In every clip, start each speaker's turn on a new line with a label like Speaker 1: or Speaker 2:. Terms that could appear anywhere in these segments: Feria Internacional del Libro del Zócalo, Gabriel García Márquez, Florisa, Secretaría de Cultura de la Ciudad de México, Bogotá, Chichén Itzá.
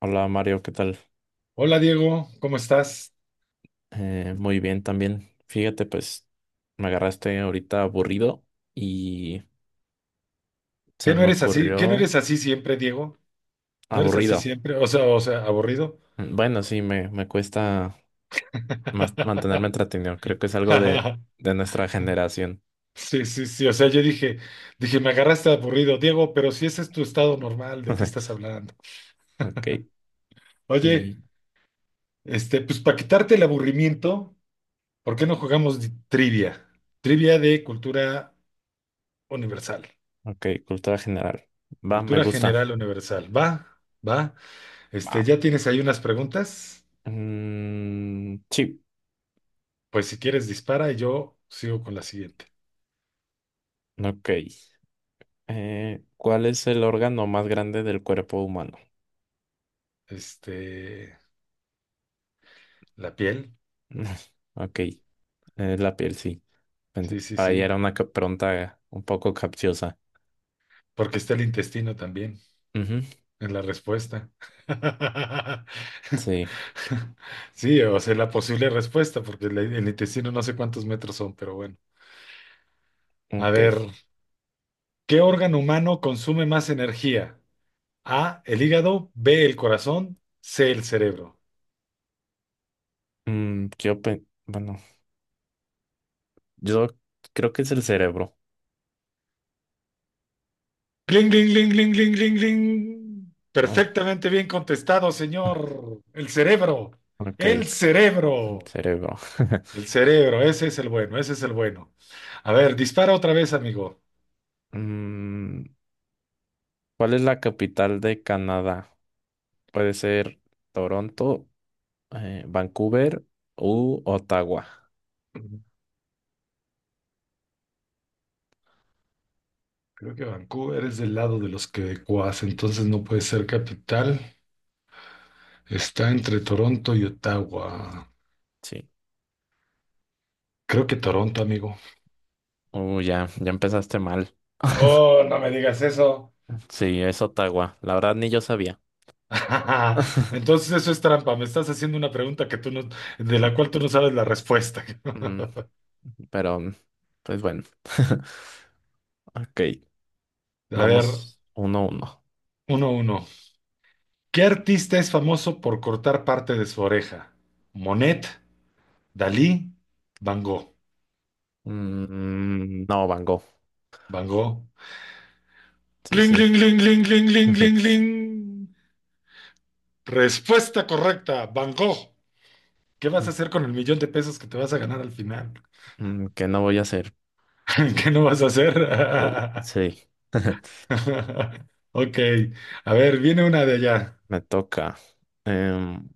Speaker 1: Hola Mario, ¿qué tal?
Speaker 2: Hola Diego, ¿cómo estás?
Speaker 1: Muy bien también. Fíjate, pues me agarraste ahorita aburrido y se
Speaker 2: ¿Qué no
Speaker 1: me
Speaker 2: eres así? ¿Qué no eres
Speaker 1: ocurrió
Speaker 2: así siempre, Diego? ¿No eres así
Speaker 1: aburrido.
Speaker 2: siempre? O sea, aburrido.
Speaker 1: Bueno, sí, me cuesta más mantenerme entretenido. Creo que es algo de nuestra generación.
Speaker 2: Sí, sí, sí. O sea, yo dije, me agarraste aburrido, Diego, pero si ese es tu estado normal, ¿de qué estás hablando?
Speaker 1: Ok, y
Speaker 2: Oye, este, pues para quitarte el aburrimiento, ¿por qué no jugamos trivia? Trivia de cultura universal,
Speaker 1: ok, cultura general. Va, me
Speaker 2: cultura
Speaker 1: gusta.
Speaker 2: general universal. Va, va. Este,
Speaker 1: Va.
Speaker 2: ¿ya tienes ahí unas preguntas?
Speaker 1: Mm, sí,
Speaker 2: Pues si quieres dispara y yo sigo con la siguiente.
Speaker 1: ok. ¿Cuál es el órgano más grande del cuerpo humano?
Speaker 2: Este, la piel.
Speaker 1: Ok, la piel, sí.
Speaker 2: Sí, sí,
Speaker 1: Para ella
Speaker 2: sí.
Speaker 1: era una pregunta un poco capciosa.
Speaker 2: Porque está el intestino también
Speaker 1: Ujú.
Speaker 2: en la respuesta.
Speaker 1: Sí,
Speaker 2: Sí, o sea, la posible respuesta, porque el intestino no sé cuántos metros son, pero bueno. A ver,
Speaker 1: ok.
Speaker 2: ¿qué órgano humano consume más energía? A, el hígado; B, el corazón; C, el cerebro.
Speaker 1: Mm, bueno, yo creo que es el cerebro,
Speaker 2: ¡Cling, cling, cling, cling, cling, cling, cling!
Speaker 1: ¿no?
Speaker 2: Perfectamente bien contestado, señor. El cerebro.
Speaker 1: Ok,
Speaker 2: El
Speaker 1: el
Speaker 2: cerebro.
Speaker 1: cerebro.
Speaker 2: El cerebro, ese es el bueno, ese es el bueno. A ver, dispara otra vez, amigo.
Speaker 1: Mm, ¿cuál es la capital de Canadá? Puede ser Toronto, Vancouver u Ottawa.
Speaker 2: Creo que Vancouver es del lado de los quebecuas, entonces no puede ser capital. Está entre Toronto y Ottawa.
Speaker 1: Sí.
Speaker 2: Creo que Toronto, amigo.
Speaker 1: Ya, ya empezaste mal.
Speaker 2: Oh, no me digas eso.
Speaker 1: Sí, es Ottawa. La verdad ni yo sabía.
Speaker 2: Entonces eso es trampa. Me estás haciendo una pregunta que tú no, de la cual tú no sabes la respuesta.
Speaker 1: Mm, pero, pues bueno. Ok,
Speaker 2: A ver,
Speaker 1: vamos uno a uno.
Speaker 2: 1-1. ¿Qué artista es famoso por cortar parte de su oreja? Monet, Dalí, Van Gogh.
Speaker 1: Mm, no, Van Gogh.
Speaker 2: Van Gogh.
Speaker 1: Sí,
Speaker 2: ¡Ling, ling,
Speaker 1: sí.
Speaker 2: ling, ling, ling, ling, ling, ling! Respuesta correcta, Van Gogh. ¿Qué vas a hacer con el millón de pesos que te vas a ganar al final?
Speaker 1: Mm, ¿qué no voy a hacer?
Speaker 2: ¿Qué no vas a hacer?
Speaker 1: Sí.
Speaker 2: Ok, a ver, viene una de allá.
Speaker 1: Me toca. Em,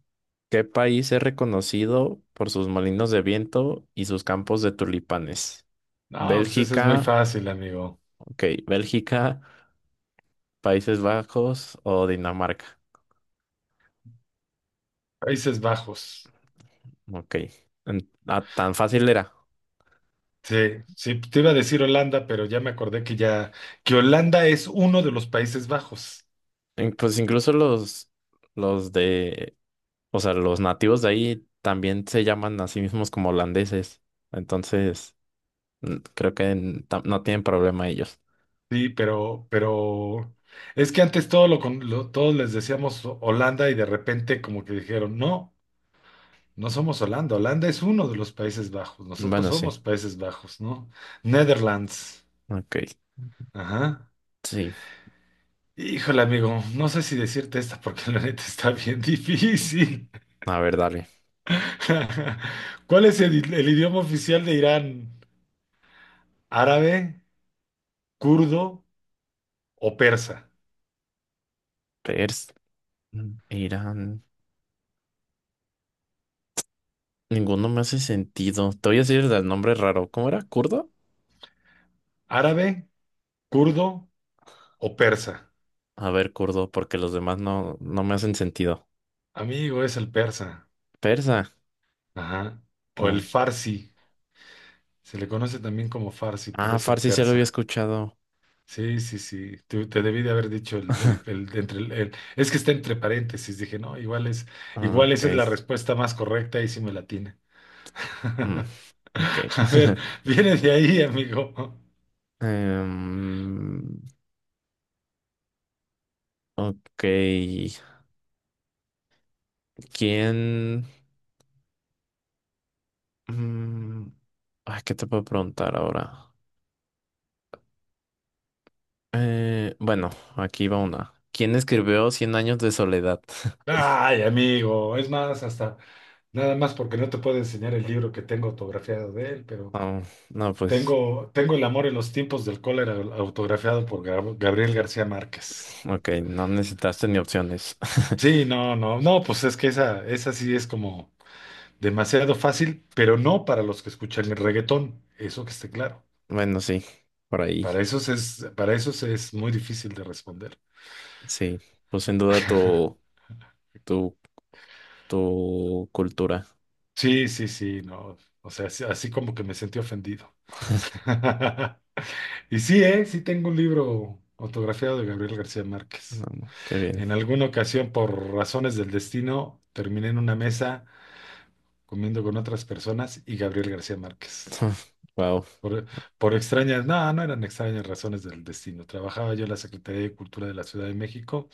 Speaker 1: ¿Qué país es reconocido por sus molinos de viento y sus campos de tulipanes?
Speaker 2: No, pues esa es muy
Speaker 1: Bélgica,
Speaker 2: fácil, amigo.
Speaker 1: ok, Bélgica, Países Bajos o Dinamarca.
Speaker 2: Países Bajos.
Speaker 1: Ok. Ah, tan fácil era.
Speaker 2: Sí, sí, te iba a decir Holanda, pero ya me acordé que Holanda es uno de los Países Bajos.
Speaker 1: Pues incluso los de o sea, los nativos de ahí también se llaman a sí mismos como holandeses. Entonces, creo que no tienen problema ellos.
Speaker 2: Sí, pero es que antes todos les decíamos Holanda, y de repente como que dijeron, no, no somos Holanda, Holanda es uno de los Países Bajos, nosotros
Speaker 1: Bueno, sí.
Speaker 2: somos Países Bajos, ¿no? Netherlands.
Speaker 1: Ok.
Speaker 2: Ajá.
Speaker 1: Sí.
Speaker 2: Híjole, amigo, no sé si decirte esta porque la neta está bien difícil.
Speaker 1: A ver, dale.
Speaker 2: ¿Cuál es el idioma oficial de Irán? ¿Árabe, kurdo o persa?
Speaker 1: Pers, Irán. Ninguno me hace sentido. Te voy a decir el nombre raro. ¿Cómo era? ¿Kurdo?
Speaker 2: ¿Árabe, kurdo o persa?
Speaker 1: A ver, kurdo, porque los demás no, no me hacen sentido.
Speaker 2: Amigo, es el persa.
Speaker 1: Persa.
Speaker 2: Ajá. O el
Speaker 1: Mm.
Speaker 2: farsi. Se le conoce también como farsi, pero
Speaker 1: Ah,
Speaker 2: es el
Speaker 1: farsi se lo había
Speaker 2: persa.
Speaker 1: escuchado.
Speaker 2: Sí, sí, sí. Te debí de haber dicho es que está entre paréntesis. Dije, no,
Speaker 1: Ah,
Speaker 2: igual
Speaker 1: ok.
Speaker 2: esa es la respuesta más correcta y sí me la tiene.
Speaker 1: Mm, ok.
Speaker 2: A ver, viene de ahí, amigo.
Speaker 1: Em, ok. ¿Quién? Mm, ay, ¿qué te puedo preguntar ahora? Bueno, aquí va una. ¿Quién escribió Cien años de soledad?
Speaker 2: Ay, amigo. Es más, hasta nada más porque no te puedo enseñar el libro que tengo autografiado de él, pero
Speaker 1: Oh, no, pues,
Speaker 2: tengo El amor en los tiempos del cólera autografiado por Gabriel García Márquez.
Speaker 1: ok, no necesitaste ni opciones.
Speaker 2: Sí, no, no, no, pues es que esa sí es como demasiado fácil, pero no para los que escuchan el reggaetón, eso que esté claro.
Speaker 1: Bueno, sí, por ahí,
Speaker 2: Para esos es muy difícil de responder.
Speaker 1: sí. Pues sin duda tu, tu, tu cultura.
Speaker 2: Sí, sí, sí, no. O sea, así, así como que me sentí ofendido. Y sí, sí tengo un libro autografiado de Gabriel García
Speaker 1: No,
Speaker 2: Márquez.
Speaker 1: no, qué bien.
Speaker 2: En alguna ocasión, por razones del destino, terminé en una mesa comiendo con otras personas y Gabriel García Márquez.
Speaker 1: Wow,
Speaker 2: Por, por extrañas, no, no eran extrañas razones del destino. Trabajaba yo en la Secretaría de Cultura de la Ciudad de México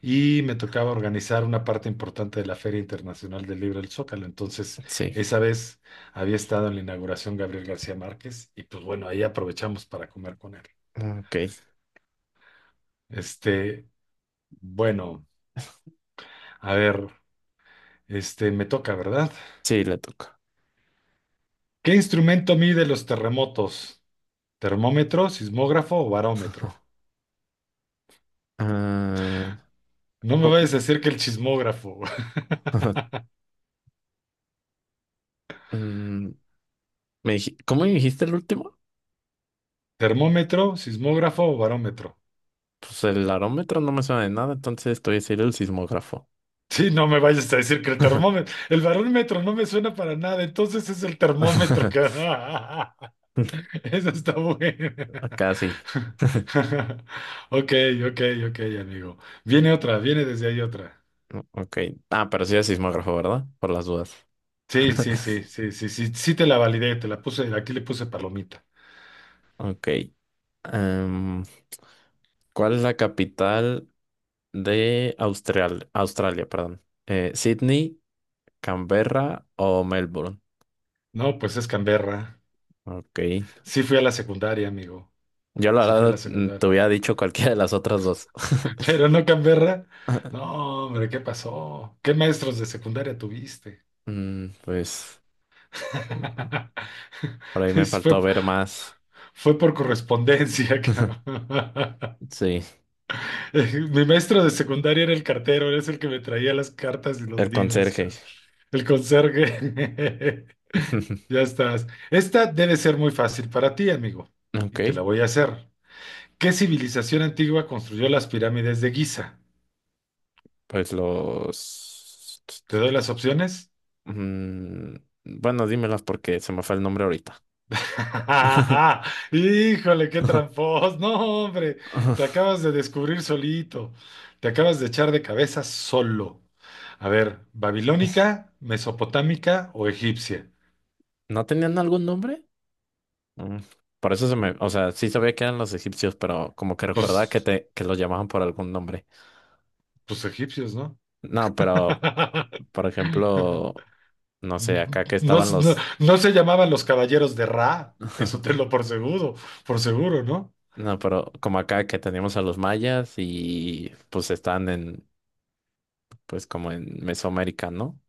Speaker 2: y me tocaba organizar una parte importante de la Feria Internacional del Libro del Zócalo. Entonces,
Speaker 1: sí,
Speaker 2: esa vez había estado en la inauguración Gabriel García Márquez y pues bueno, ahí aprovechamos para comer con él.
Speaker 1: ok,
Speaker 2: Este, bueno, a ver, este, me toca, ¿verdad?
Speaker 1: sí, le toca.
Speaker 2: ¿Qué instrumento mide los terremotos? ¿Termómetro, sismógrafo o barómetro?
Speaker 1: Ah,
Speaker 2: No me
Speaker 1: co-
Speaker 2: vayas a decir que el chismógrafo.
Speaker 1: mm, ¿Cómo me dijiste el último?
Speaker 2: ¿Termómetro, sismógrafo o barómetro?
Speaker 1: Pues el arómetro no me suena de nada, entonces estoy a decir el sismógrafo.
Speaker 2: Sí, no me vayas a decir que el termómetro, el barómetro no me suena para nada, entonces es el termómetro que... Eso está bueno.
Speaker 1: Acá sí.
Speaker 2: Ok, ok, ok, amigo. Viene otra, viene desde ahí otra.
Speaker 1: Mm, ok. Ah, pero sí es sismógrafo, ¿verdad? Por las dudas.
Speaker 2: Sí, sí, sí, sí, sí, sí, sí, te la validé, te la puse, aquí le puse palomita.
Speaker 1: Ok. Em, ¿Cuál es la capital de Australia? Perdón. ¿Sydney, Canberra o Melbourne?
Speaker 2: No, pues es Canberra.
Speaker 1: Ok.
Speaker 2: Sí fui a la secundaria, amigo.
Speaker 1: Yo la
Speaker 2: Sí fui a la
Speaker 1: verdad te
Speaker 2: secundaria.
Speaker 1: hubiera dicho cualquiera de las otras dos.
Speaker 2: Pero no Canberra. No, hombre, ¿qué pasó? ¿Qué maestros de secundaria tuviste?
Speaker 1: Mm, pues por ahí me
Speaker 2: Es- Fue,
Speaker 1: faltó ver más.
Speaker 2: fue, por correspondencia, cabrón.
Speaker 1: Sí,
Speaker 2: Mi maestro de secundaria era el cartero, era el que me traía las cartas y los
Speaker 1: el
Speaker 2: libros,
Speaker 1: conserje.
Speaker 2: cabrón. El conserje. Ya estás. Esta debe ser muy fácil para ti, amigo,
Speaker 1: Ok,
Speaker 2: y te la voy a hacer. ¿Qué civilización antigua construyó las pirámides de Giza?
Speaker 1: pues los.
Speaker 2: ¿Te doy las opciones?
Speaker 1: Mm, bueno, dímelos porque se me fue el nombre ahorita.
Speaker 2: Híjole, qué tramposo. No, hombre, te acabas de descubrir solito. Te acabas de echar de cabeza solo. A ver, ¿babilónica, mesopotámica o egipcia?
Speaker 1: ¿No tenían algún nombre? Mm, por eso se me. O sea, sí sabía que eran los egipcios, pero como que recordaba que,
Speaker 2: Pues,
Speaker 1: te, que los llamaban por algún nombre.
Speaker 2: pues egipcios, ¿no?
Speaker 1: No, pero, por ejemplo, no sé, acá que
Speaker 2: No,
Speaker 1: estaban los.
Speaker 2: no se llamaban los caballeros de Ra, eso te lo por seguro, ¿no?
Speaker 1: No, pero como acá que teníamos a los mayas y pues están pues como en Mesoamérica, ¿no?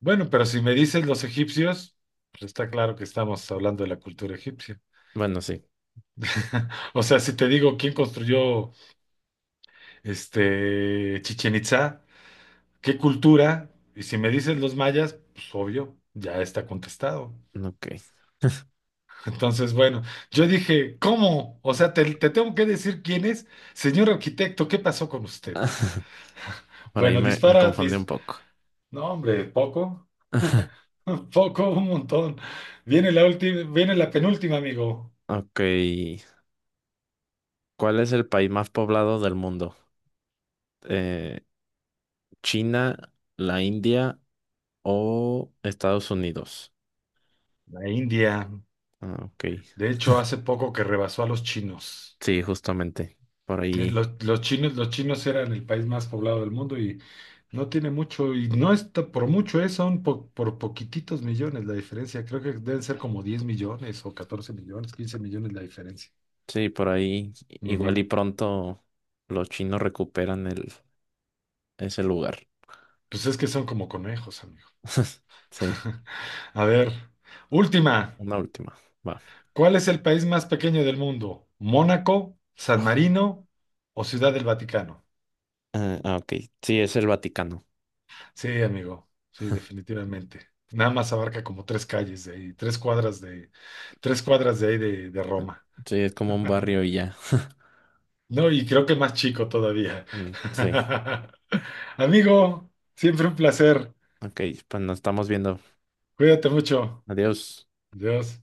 Speaker 2: Bueno, pero si me dices los egipcios, pues está claro que estamos hablando de la cultura egipcia.
Speaker 1: Bueno, sí.
Speaker 2: O sea, si te digo quién construyó este Chichén Itzá, qué cultura, y si me dices los mayas, pues obvio, ya está contestado.
Speaker 1: Ok.
Speaker 2: Entonces, bueno, yo dije, ¿cómo? O sea, te tengo que decir quién es, señor arquitecto, ¿qué pasó con usted?
Speaker 1: Por ahí
Speaker 2: Bueno,
Speaker 1: me
Speaker 2: dispara,
Speaker 1: confundí un poco.
Speaker 2: no, hombre, poco, poco, un montón. Viene la última, viene la penúltima, amigo.
Speaker 1: Ok. ¿Cuál es el país más poblado del mundo? Eh, ¿China, la India o Estados Unidos?
Speaker 2: La India,
Speaker 1: Ah, ok.
Speaker 2: de hecho, hace poco que rebasó a los chinos.
Speaker 1: Sí, justamente. Por ahí.
Speaker 2: Los chinos eran el país más poblado del mundo, y no tiene mucho, y no está por mucho, son por poquititos millones la diferencia. Creo que deben ser como 10 millones o 14 millones, 15 millones la diferencia.
Speaker 1: Sí, por ahí. Igual y
Speaker 2: Ujú.
Speaker 1: pronto los chinos recuperan ese lugar.
Speaker 2: Pues es que son como conejos, amigo.
Speaker 1: Sí,
Speaker 2: A ver, última.
Speaker 1: una última. Va.
Speaker 2: ¿Cuál es el país más pequeño del mundo? ¿Mónaco, San Marino o Ciudad del Vaticano?
Speaker 1: Ah, ah, ok. Sí, es el Vaticano.
Speaker 2: Sí, amigo, sí, definitivamente. Nada más abarca como tres calles de ahí, tres cuadras de ahí de Roma.
Speaker 1: Sí, es como un barrio y ya.
Speaker 2: No, y creo que más chico todavía.
Speaker 1: Mm, sí.
Speaker 2: Amigo, siempre un placer.
Speaker 1: Ok, pues nos estamos viendo.
Speaker 2: Cuídate mucho.
Speaker 1: Adiós.
Speaker 2: Dios.